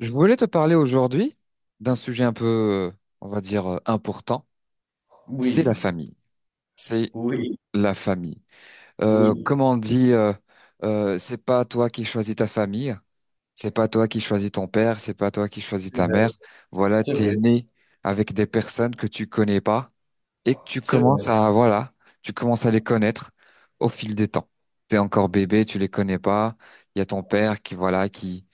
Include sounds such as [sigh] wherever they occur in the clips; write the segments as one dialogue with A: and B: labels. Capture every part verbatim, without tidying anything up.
A: Je voulais te parler aujourd'hui d'un sujet un peu, euh, on va dire, euh, important. C'est la
B: Oui,
A: famille. C'est
B: oui,
A: la famille. Euh,
B: oui,
A: comme on dit, euh, euh, c'est pas toi qui choisis ta famille, c'est pas toi qui choisis ton père, c'est pas toi qui choisis
B: c'est
A: ta
B: vrai,
A: mère. Voilà,
B: c'est
A: t'es
B: vrai,
A: né avec des personnes que tu connais pas et que tu
B: c'est vrai.
A: commences à, voilà, tu commences à les connaître au fil des temps. T'es encore bébé, tu les connais pas. Il y a ton père qui, voilà, qui,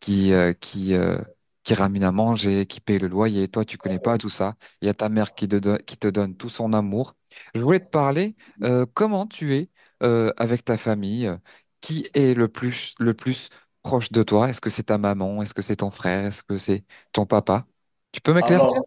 A: qui, euh, qui, euh, qui ramène à manger, qui paye le loyer. Et toi, tu connais pas tout ça. Il y a ta mère qui te donne, qui te donne tout son amour. Je voulais te parler, euh, comment tu es, euh, avec ta famille. euh, Qui est le plus, le plus proche de toi? Est-ce que c'est ta maman? Est-ce que c'est ton frère? Est-ce que c'est ton papa? Tu peux m'éclaircir?
B: Alors,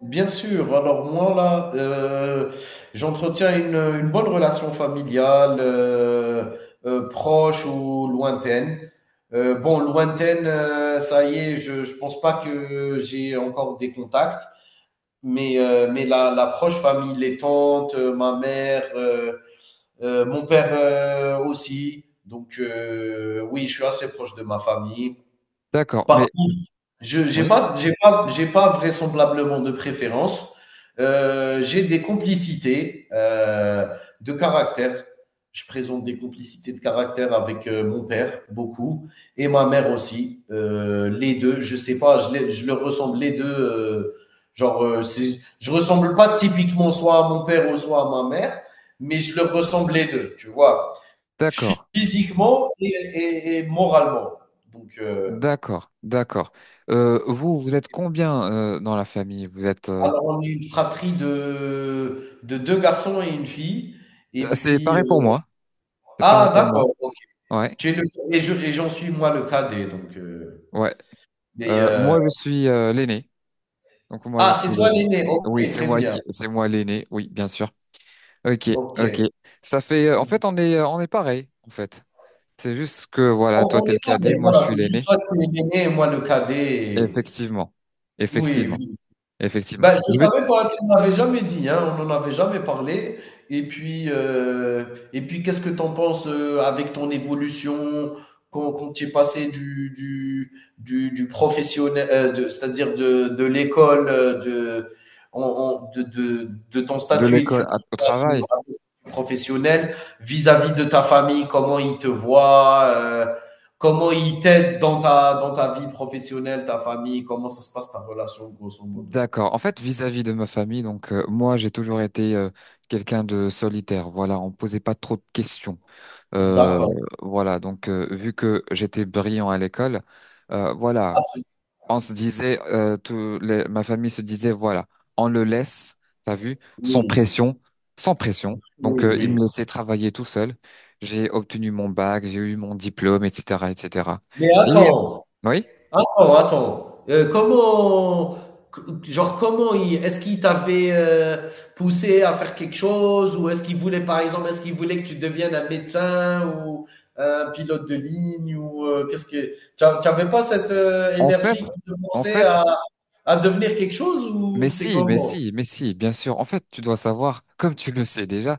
B: bien sûr, alors moi là, heu, j'entretiens une, une bonne relation familiale, heu heu, proche ou lointaine. Heu, bon lointaine, heu, ça y est, je je pense pas que j'ai encore des contacts, mais heu, mais la la proche famille, les tantes, heu, ma mère, heu heu, mon père, heu, aussi. Donc heu, oui, je suis assez proche de ma famille.
A: D'accord,
B: Par
A: mais
B: contre, je j'ai
A: oui,
B: pas j'ai pas j'ai pas vraisemblablement de préférence. Heu, j'ai des complicités, heu, de caractère. Je présente des complicités de caractère avec, heu, mon père, beaucoup et ma mère aussi, heu, les deux, je sais pas, je les je leur ressemble les deux. Heu, genre, heu, c'est je ressemble pas typiquement soit à mon père ou soit à ma mère, mais je leur ressemble les deux. Tu vois?
A: d'accord.
B: Physiquement et et et moralement, donc heu
A: D'accord, d'accord. Euh, vous, vous êtes combien euh, dans la famille? Vous êtes. euh,
B: alors, on est une fratrie de de deux garçons et une fille et
A: C'est
B: puis, heu
A: pareil pour moi. C'est pareil
B: ah
A: pour moi.
B: d'accord, OK.
A: Ouais,
B: Tu es le et je et j'en suis moi le cadet donc, heu,
A: ouais.
B: mais,
A: Euh,
B: heu
A: moi, je suis euh, l'aîné. Donc moi, je
B: ah
A: suis
B: c'est toi
A: l'aîné.
B: l'aîné? OK,
A: Oui, c'est
B: très
A: moi
B: bien.
A: qui, c'est moi l'aîné. Oui, bien sûr. Ok, ok.
B: OK.
A: Ça fait. euh, en fait, on est, euh, on est pareil. En fait, c'est juste que voilà,
B: On
A: toi,
B: on
A: t'es le
B: est
A: cadet,
B: pareil,
A: moi, je
B: voilà,
A: suis
B: c'est juste
A: l'aîné.
B: toi, tu es l'aîné et moi le cadet et
A: Effectivement,
B: oui,
A: effectivement,
B: oui.
A: effectivement.
B: Ben je
A: Je vais
B: savais pas, tu me l'avais jamais dit, hein, on n'en avait jamais parlé et puis, heu et puis qu'est-ce que tu en penses, heu, avec ton évolution quand quand tu es passé du du du du professionnel, heu, de c'est-à-dire de de l'école, heu, de en en de de de ton
A: de
B: statut
A: l'école à-
B: étudiant
A: au
B: à ton
A: travail.
B: à ton statut professionnel, vis-à-vis de ta famille, comment ils te voient, heu, comment ils t'aident dans ta dans ta vie professionnelle, ta famille? Comment ça se passe ta relation grosso modo?
A: D'accord. En fait, vis-à-vis de ma famille, donc euh, moi, j'ai toujours été euh, quelqu'un de solitaire. Voilà, on me posait pas trop de questions. Euh,
B: D'accord.
A: voilà, donc euh, vu que j'étais brillant à l'école, euh,
B: Ah,
A: voilà,
B: c'est
A: on se disait, euh, tout les- ma famille se disait, voilà, on le laisse, t'as vu, sans
B: oui,
A: pression, sans pression. Donc,
B: oui,
A: euh, il
B: oui.
A: me laissait travailler tout seul. J'ai obtenu mon bac, j'ai eu mon diplôme, et cetera, et cetera.
B: Mais
A: Et euh,
B: attends,
A: oui,
B: attends, attends. Euh, comment, c- genre, comment il, est-ce qu'il t'avait euh, poussé à faire quelque chose ou est-ce qu'il voulait, par exemple, est-ce qu'il voulait que tu deviennes un médecin ou euh, un pilote de ligne ou euh, qu'est-ce que, tu n'avais pas cette euh,
A: en
B: énergie
A: fait,
B: qui te
A: en
B: poussait
A: fait.
B: à, à devenir quelque chose
A: Mais
B: ou c'est
A: si, mais
B: comment?
A: si, mais si, bien sûr. En fait, tu dois savoir, comme tu le sais déjà,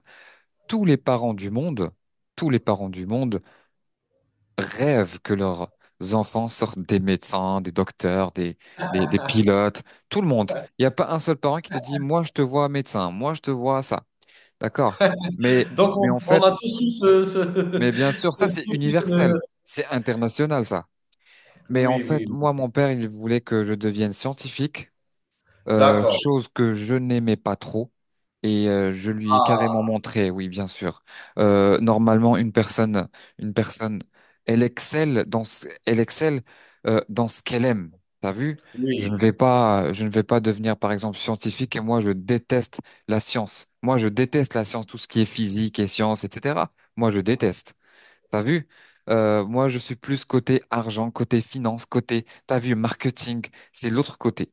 A: tous les parents du monde, tous les parents du monde rêvent que leurs enfants sortent des médecins, des docteurs, des, des, des pilotes, tout le monde. Il n'y a pas un seul parent qui te dit, moi, je te vois médecin, moi, je te vois ça. D'accord? Mais,
B: Donc, on,
A: mais en
B: on
A: fait,
B: a tous eu ce, ce-
A: mais bien
B: [laughs]
A: sûr, ça,
B: cette
A: c'est
B: poussée
A: universel.
B: de-
A: C'est international, ça. Mais en
B: oui,
A: fait,
B: oui.
A: moi, mon père, il voulait que je devienne scientifique. Euh,
B: D'accord.
A: chose que je n'aimais pas trop et euh, je lui ai
B: Ah,
A: carrément montré, oui, bien sûr. Euh, normalement, une personne, une personne, elle excelle dans ce, elle excelle euh, dans ce qu'elle aime. T'as vu? Je ne
B: oui,
A: vais pas, je ne vais pas devenir, par exemple, scientifique et moi, je déteste la science. Moi, je déteste la science, tout ce qui est physique et science, et cetera. Moi, je déteste. T'as vu? Euh, moi, je suis plus côté argent, côté finance, côté, t'as vu, marketing, c'est l'autre côté.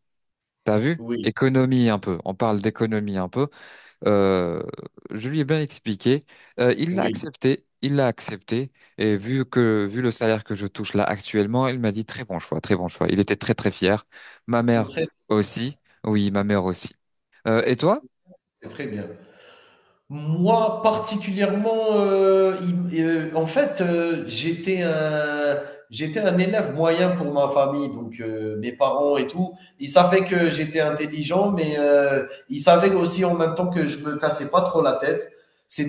A: T'as vu?
B: oui,
A: Économie un peu. On parle d'économie un peu. Euh, je lui ai bien expliqué. Euh, il l'a
B: oui,
A: accepté. Il l'a accepté. Et vu que, vu le salaire que je touche là actuellement, il m'a dit très bon choix, très bon choix. Il était très très fier. Ma
B: c'est
A: mère
B: très
A: aussi. Oui, ma mère aussi. Euh, et toi?
B: c'est très bien. Moi, particulièrement, heu, il m en fait, heu, j'étais un j'étais un élève moyen pour ma famille, donc heu, mes parents et tout, ils savaient que j'étais intelligent, mais heu, ils savaient aussi en même temps que je me cassais pas trop la tête.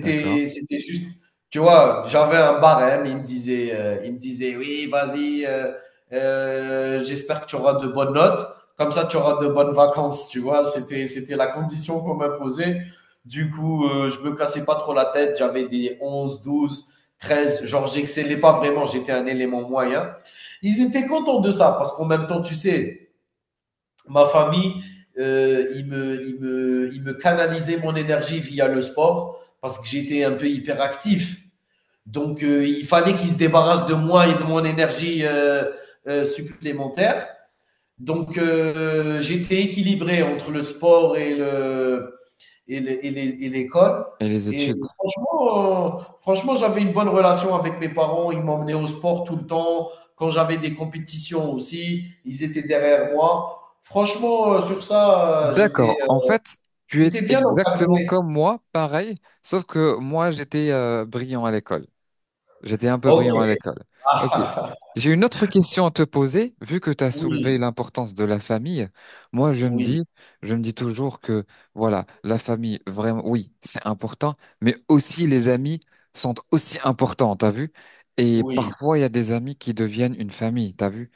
A: D'accord.
B: c'était juste, tu vois, j'avais un barème, ils me disaient, heu, ils me disaient: «Oui, vas-y, heu heu, j'espère que tu auras de bonnes notes, comme ça tu auras de bonnes vacances», tu vois? C'était c'était la condition qu'on m'imposait du coup, euh, je me cassais pas trop la tête. J'avais des onze, douze, treize. Genre, j'excellais pas vraiment. J'étais un élément moyen. Ils étaient contents de ça parce qu'en même temps, tu sais, ma famille, euh, ils, me, ils, me, ils me canalisaient mon énergie via le sport parce que j'étais un peu hyperactif. Donc, euh, il fallait qu'ils se débarrassent de moi et de mon énergie euh, euh, supplémentaire. Donc, euh, j'étais équilibré entre le sport et le, et l'école.
A: Et les
B: Et, et,
A: études?
B: franchement, euh, franchement j'avais une bonne relation avec mes parents. Ils m'emmenaient au sport tout le temps. Quand j'avais des compétitions aussi, ils étaient derrière moi. Franchement, euh, sur ça, euh, j'étais
A: D'accord.
B: euh,
A: En fait, tu es
B: j'étais bien
A: exactement
B: encadré.
A: comme moi, pareil, sauf que moi j'étais euh, brillant à l'école. J'étais un peu
B: OK.
A: brillant à l'école. Ok.
B: Ah,
A: J'ai une autre question à te poser, vu que tu as soulevé
B: oui,
A: l'importance de la famille. Moi, je me
B: oui,
A: dis, je me dis toujours que, voilà, la famille, vraiment, oui, c'est important, mais aussi les amis sont aussi importants, t'as vu? Et
B: oui.
A: parfois, il y a des amis qui deviennent une famille, t'as vu?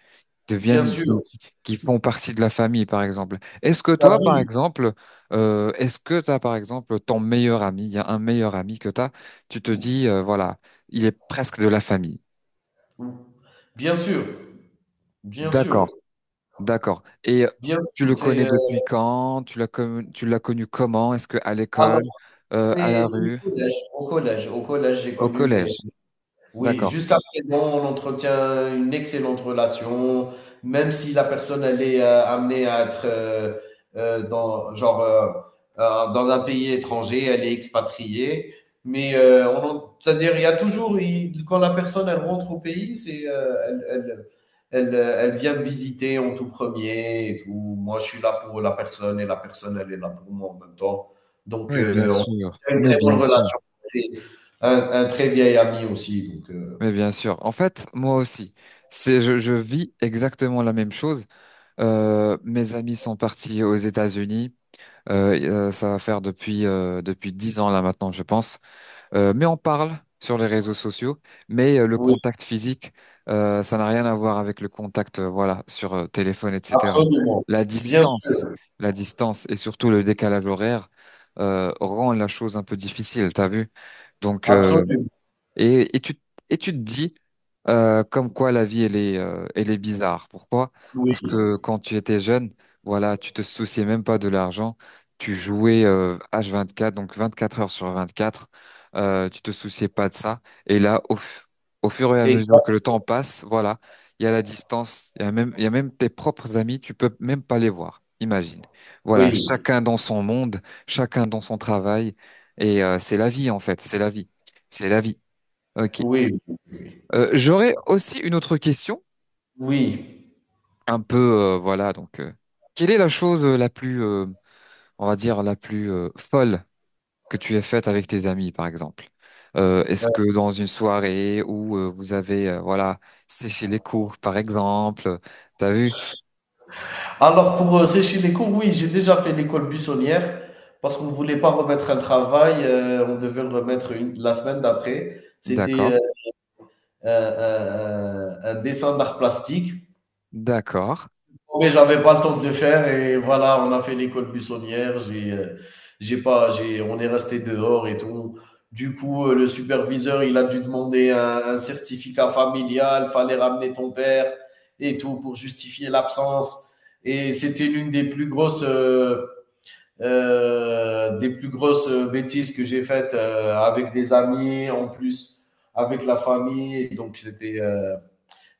B: Bien
A: deviennent qui,
B: sûr.
A: qui- qui font partie de la famille, par exemple. Est-ce que
B: T'as
A: toi, par
B: vu.
A: exemple, euh, est-ce que t'as, par exemple, ton meilleur ami, il y a un meilleur ami que t'as, tu te dis,
B: Oui.
A: euh, voilà, il est presque de la famille.
B: Bien sûr. Bien sûr.
A: D'accord, d'accord. Et
B: Bien
A: tu le
B: sûr.
A: connais
B: C'est, euh,
A: depuis quand? Tu l'as connu, tu l'as connu comment? Est-ce que à
B: alors,
A: l'école, euh, à la
B: c'est, c'est au
A: rue,
B: collège. Au collège, au collège j'ai
A: au
B: connu mes,
A: collège?
B: oui,
A: D'accord.
B: jusqu'à présent, on entretient une excellente relation, même si la personne elle est euh, amenée à être euh, euh, dans genre euh, euh, dans un pays étranger, elle est expatriée, mais euh, on en- c'est-à-dire il y a toujours il- quand la personne elle rentre au pays, c'est euh, elle, elle elle euh, elle vient me visiter en tout premier et tout. Moi, je suis là pour la personne et la personne elle est là pour moi en même temps. Donc
A: Oui, bien
B: euh, on
A: sûr.
B: a une
A: Mais
B: très
A: bien
B: bonne
A: sûr.
B: relation un, un très vieil ami aussi. Donc, euh,
A: Mais bien sûr. En fait, moi aussi, c'est, je, je vis exactement la même chose. Euh, mes amis sont partis aux États-Unis. Euh, et, euh, ça va faire depuis euh, depuis dix ans là maintenant, je pense. Euh, mais on parle sur les réseaux sociaux, mais euh, le
B: oui,
A: contact physique, euh, ça n'a rien à voir avec le contact, euh, voilà, sur euh, téléphone, et cetera.
B: absolument.
A: La
B: Bien
A: distance,
B: sûr,
A: la distance et surtout le décalage horaire euh, rend la chose un peu difficile, t'as vu? Donc euh,
B: absolument.
A: et, et tu, et tu te dis euh, comme quoi la vie, elle est, euh, elle est bizarre. Pourquoi?
B: Oui,
A: Parce que quand tu étais jeune, voilà, tu te souciais même pas de l'argent. Tu jouais euh, H vingt-quatre, donc vingt-quatre heures sur 24. Euh, tu te souciais pas de ça. Et là, au, fu- au fur et à mesure que le
B: exact.
A: temps passe, voilà, il y a la distance, il y a même, il y a même tes propres amis, tu peux même pas les voir. Imagine. Voilà,
B: Oui,
A: chacun dans son monde, chacun dans son travail. Et euh, c'est la vie, en fait, c'est la vie. C'est la vie. Ok.
B: oui,
A: Euh, j'aurais aussi une autre question,
B: oui.
A: un peu, euh, voilà, donc, euh, quelle est la chose euh, la plus, euh, on va dire, la plus euh, folle que tu aies faite avec tes amis, par exemple? Euh, est-ce
B: Ouais.
A: que dans une soirée où euh, vous avez, euh, voilà, séché les cours, par exemple, t'as vu?
B: Alors, pour euh, sécher les cours, oui, j'ai déjà fait l'école buissonnière parce qu'on ne voulait pas remettre un travail, euh, on devait le remettre une- la semaine d'après. C'était
A: D'accord,
B: euh, euh, euh, euh, un dessin d'art plastique.
A: d'accord.
B: Oh, mais j'avais pas le temps de le faire et voilà, on a fait l'école buissonnière. J'ai, euh, j'ai pas, j'ai, On est resté dehors et tout. Du coup, euh, le superviseur, il a dû demander un, un certificat familial. Fallait ramener ton père et tout pour justifier l'absence. Et c'était l'une des plus grosses, euh, euh, des plus grosses euh, bêtises que j'ai faites euh, avec des amis, en plus avec la famille. Donc c'était euh,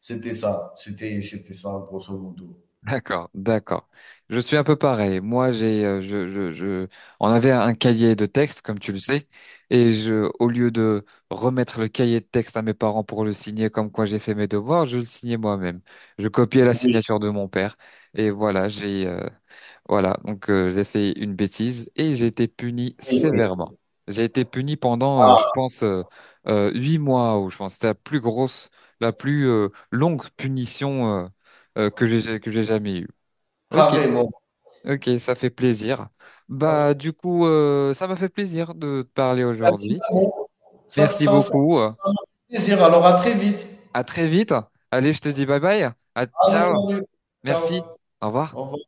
B: c'était ça, c'était c'était ça, grosso modo.
A: D'accord, d'accord. Je suis un peu pareil. Moi, j'ai, euh, je, je, je, on avait un cahier de texte, comme tu le sais, et je, au lieu de remettre le cahier de texte à mes parents pour le signer comme quoi j'ai fait mes devoirs, je le signais moi-même. Je copiais la
B: Oui,
A: signature de mon père, et voilà, j'ai, euh, voilà, donc euh, j'ai fait une bêtise et j'ai été puni
B: oui, oui.
A: sévèrement. J'ai été puni pendant, euh, je
B: Ah,
A: pense, euh, euh, huit mois, ou je pense, que c'était la plus grosse, la plus euh, longue punition. euh, euh, que j'ai que j'ai jamais eue. Ok,
B: carrément.
A: ok, ça fait plaisir. Bah, du coup, euh, ça m'a fait plaisir de te parler
B: Ah,
A: aujourd'hui.
B: Ça,
A: Merci
B: ça, ça, ça
A: beaucoup. euh,
B: m'a fait plaisir. Alors, à très vite.
A: À très vite. Allez, je te dis bye bye. À
B: Allez,
A: ciao.
B: salut.
A: Merci.
B: Ciao.
A: Au revoir.
B: Au revoir.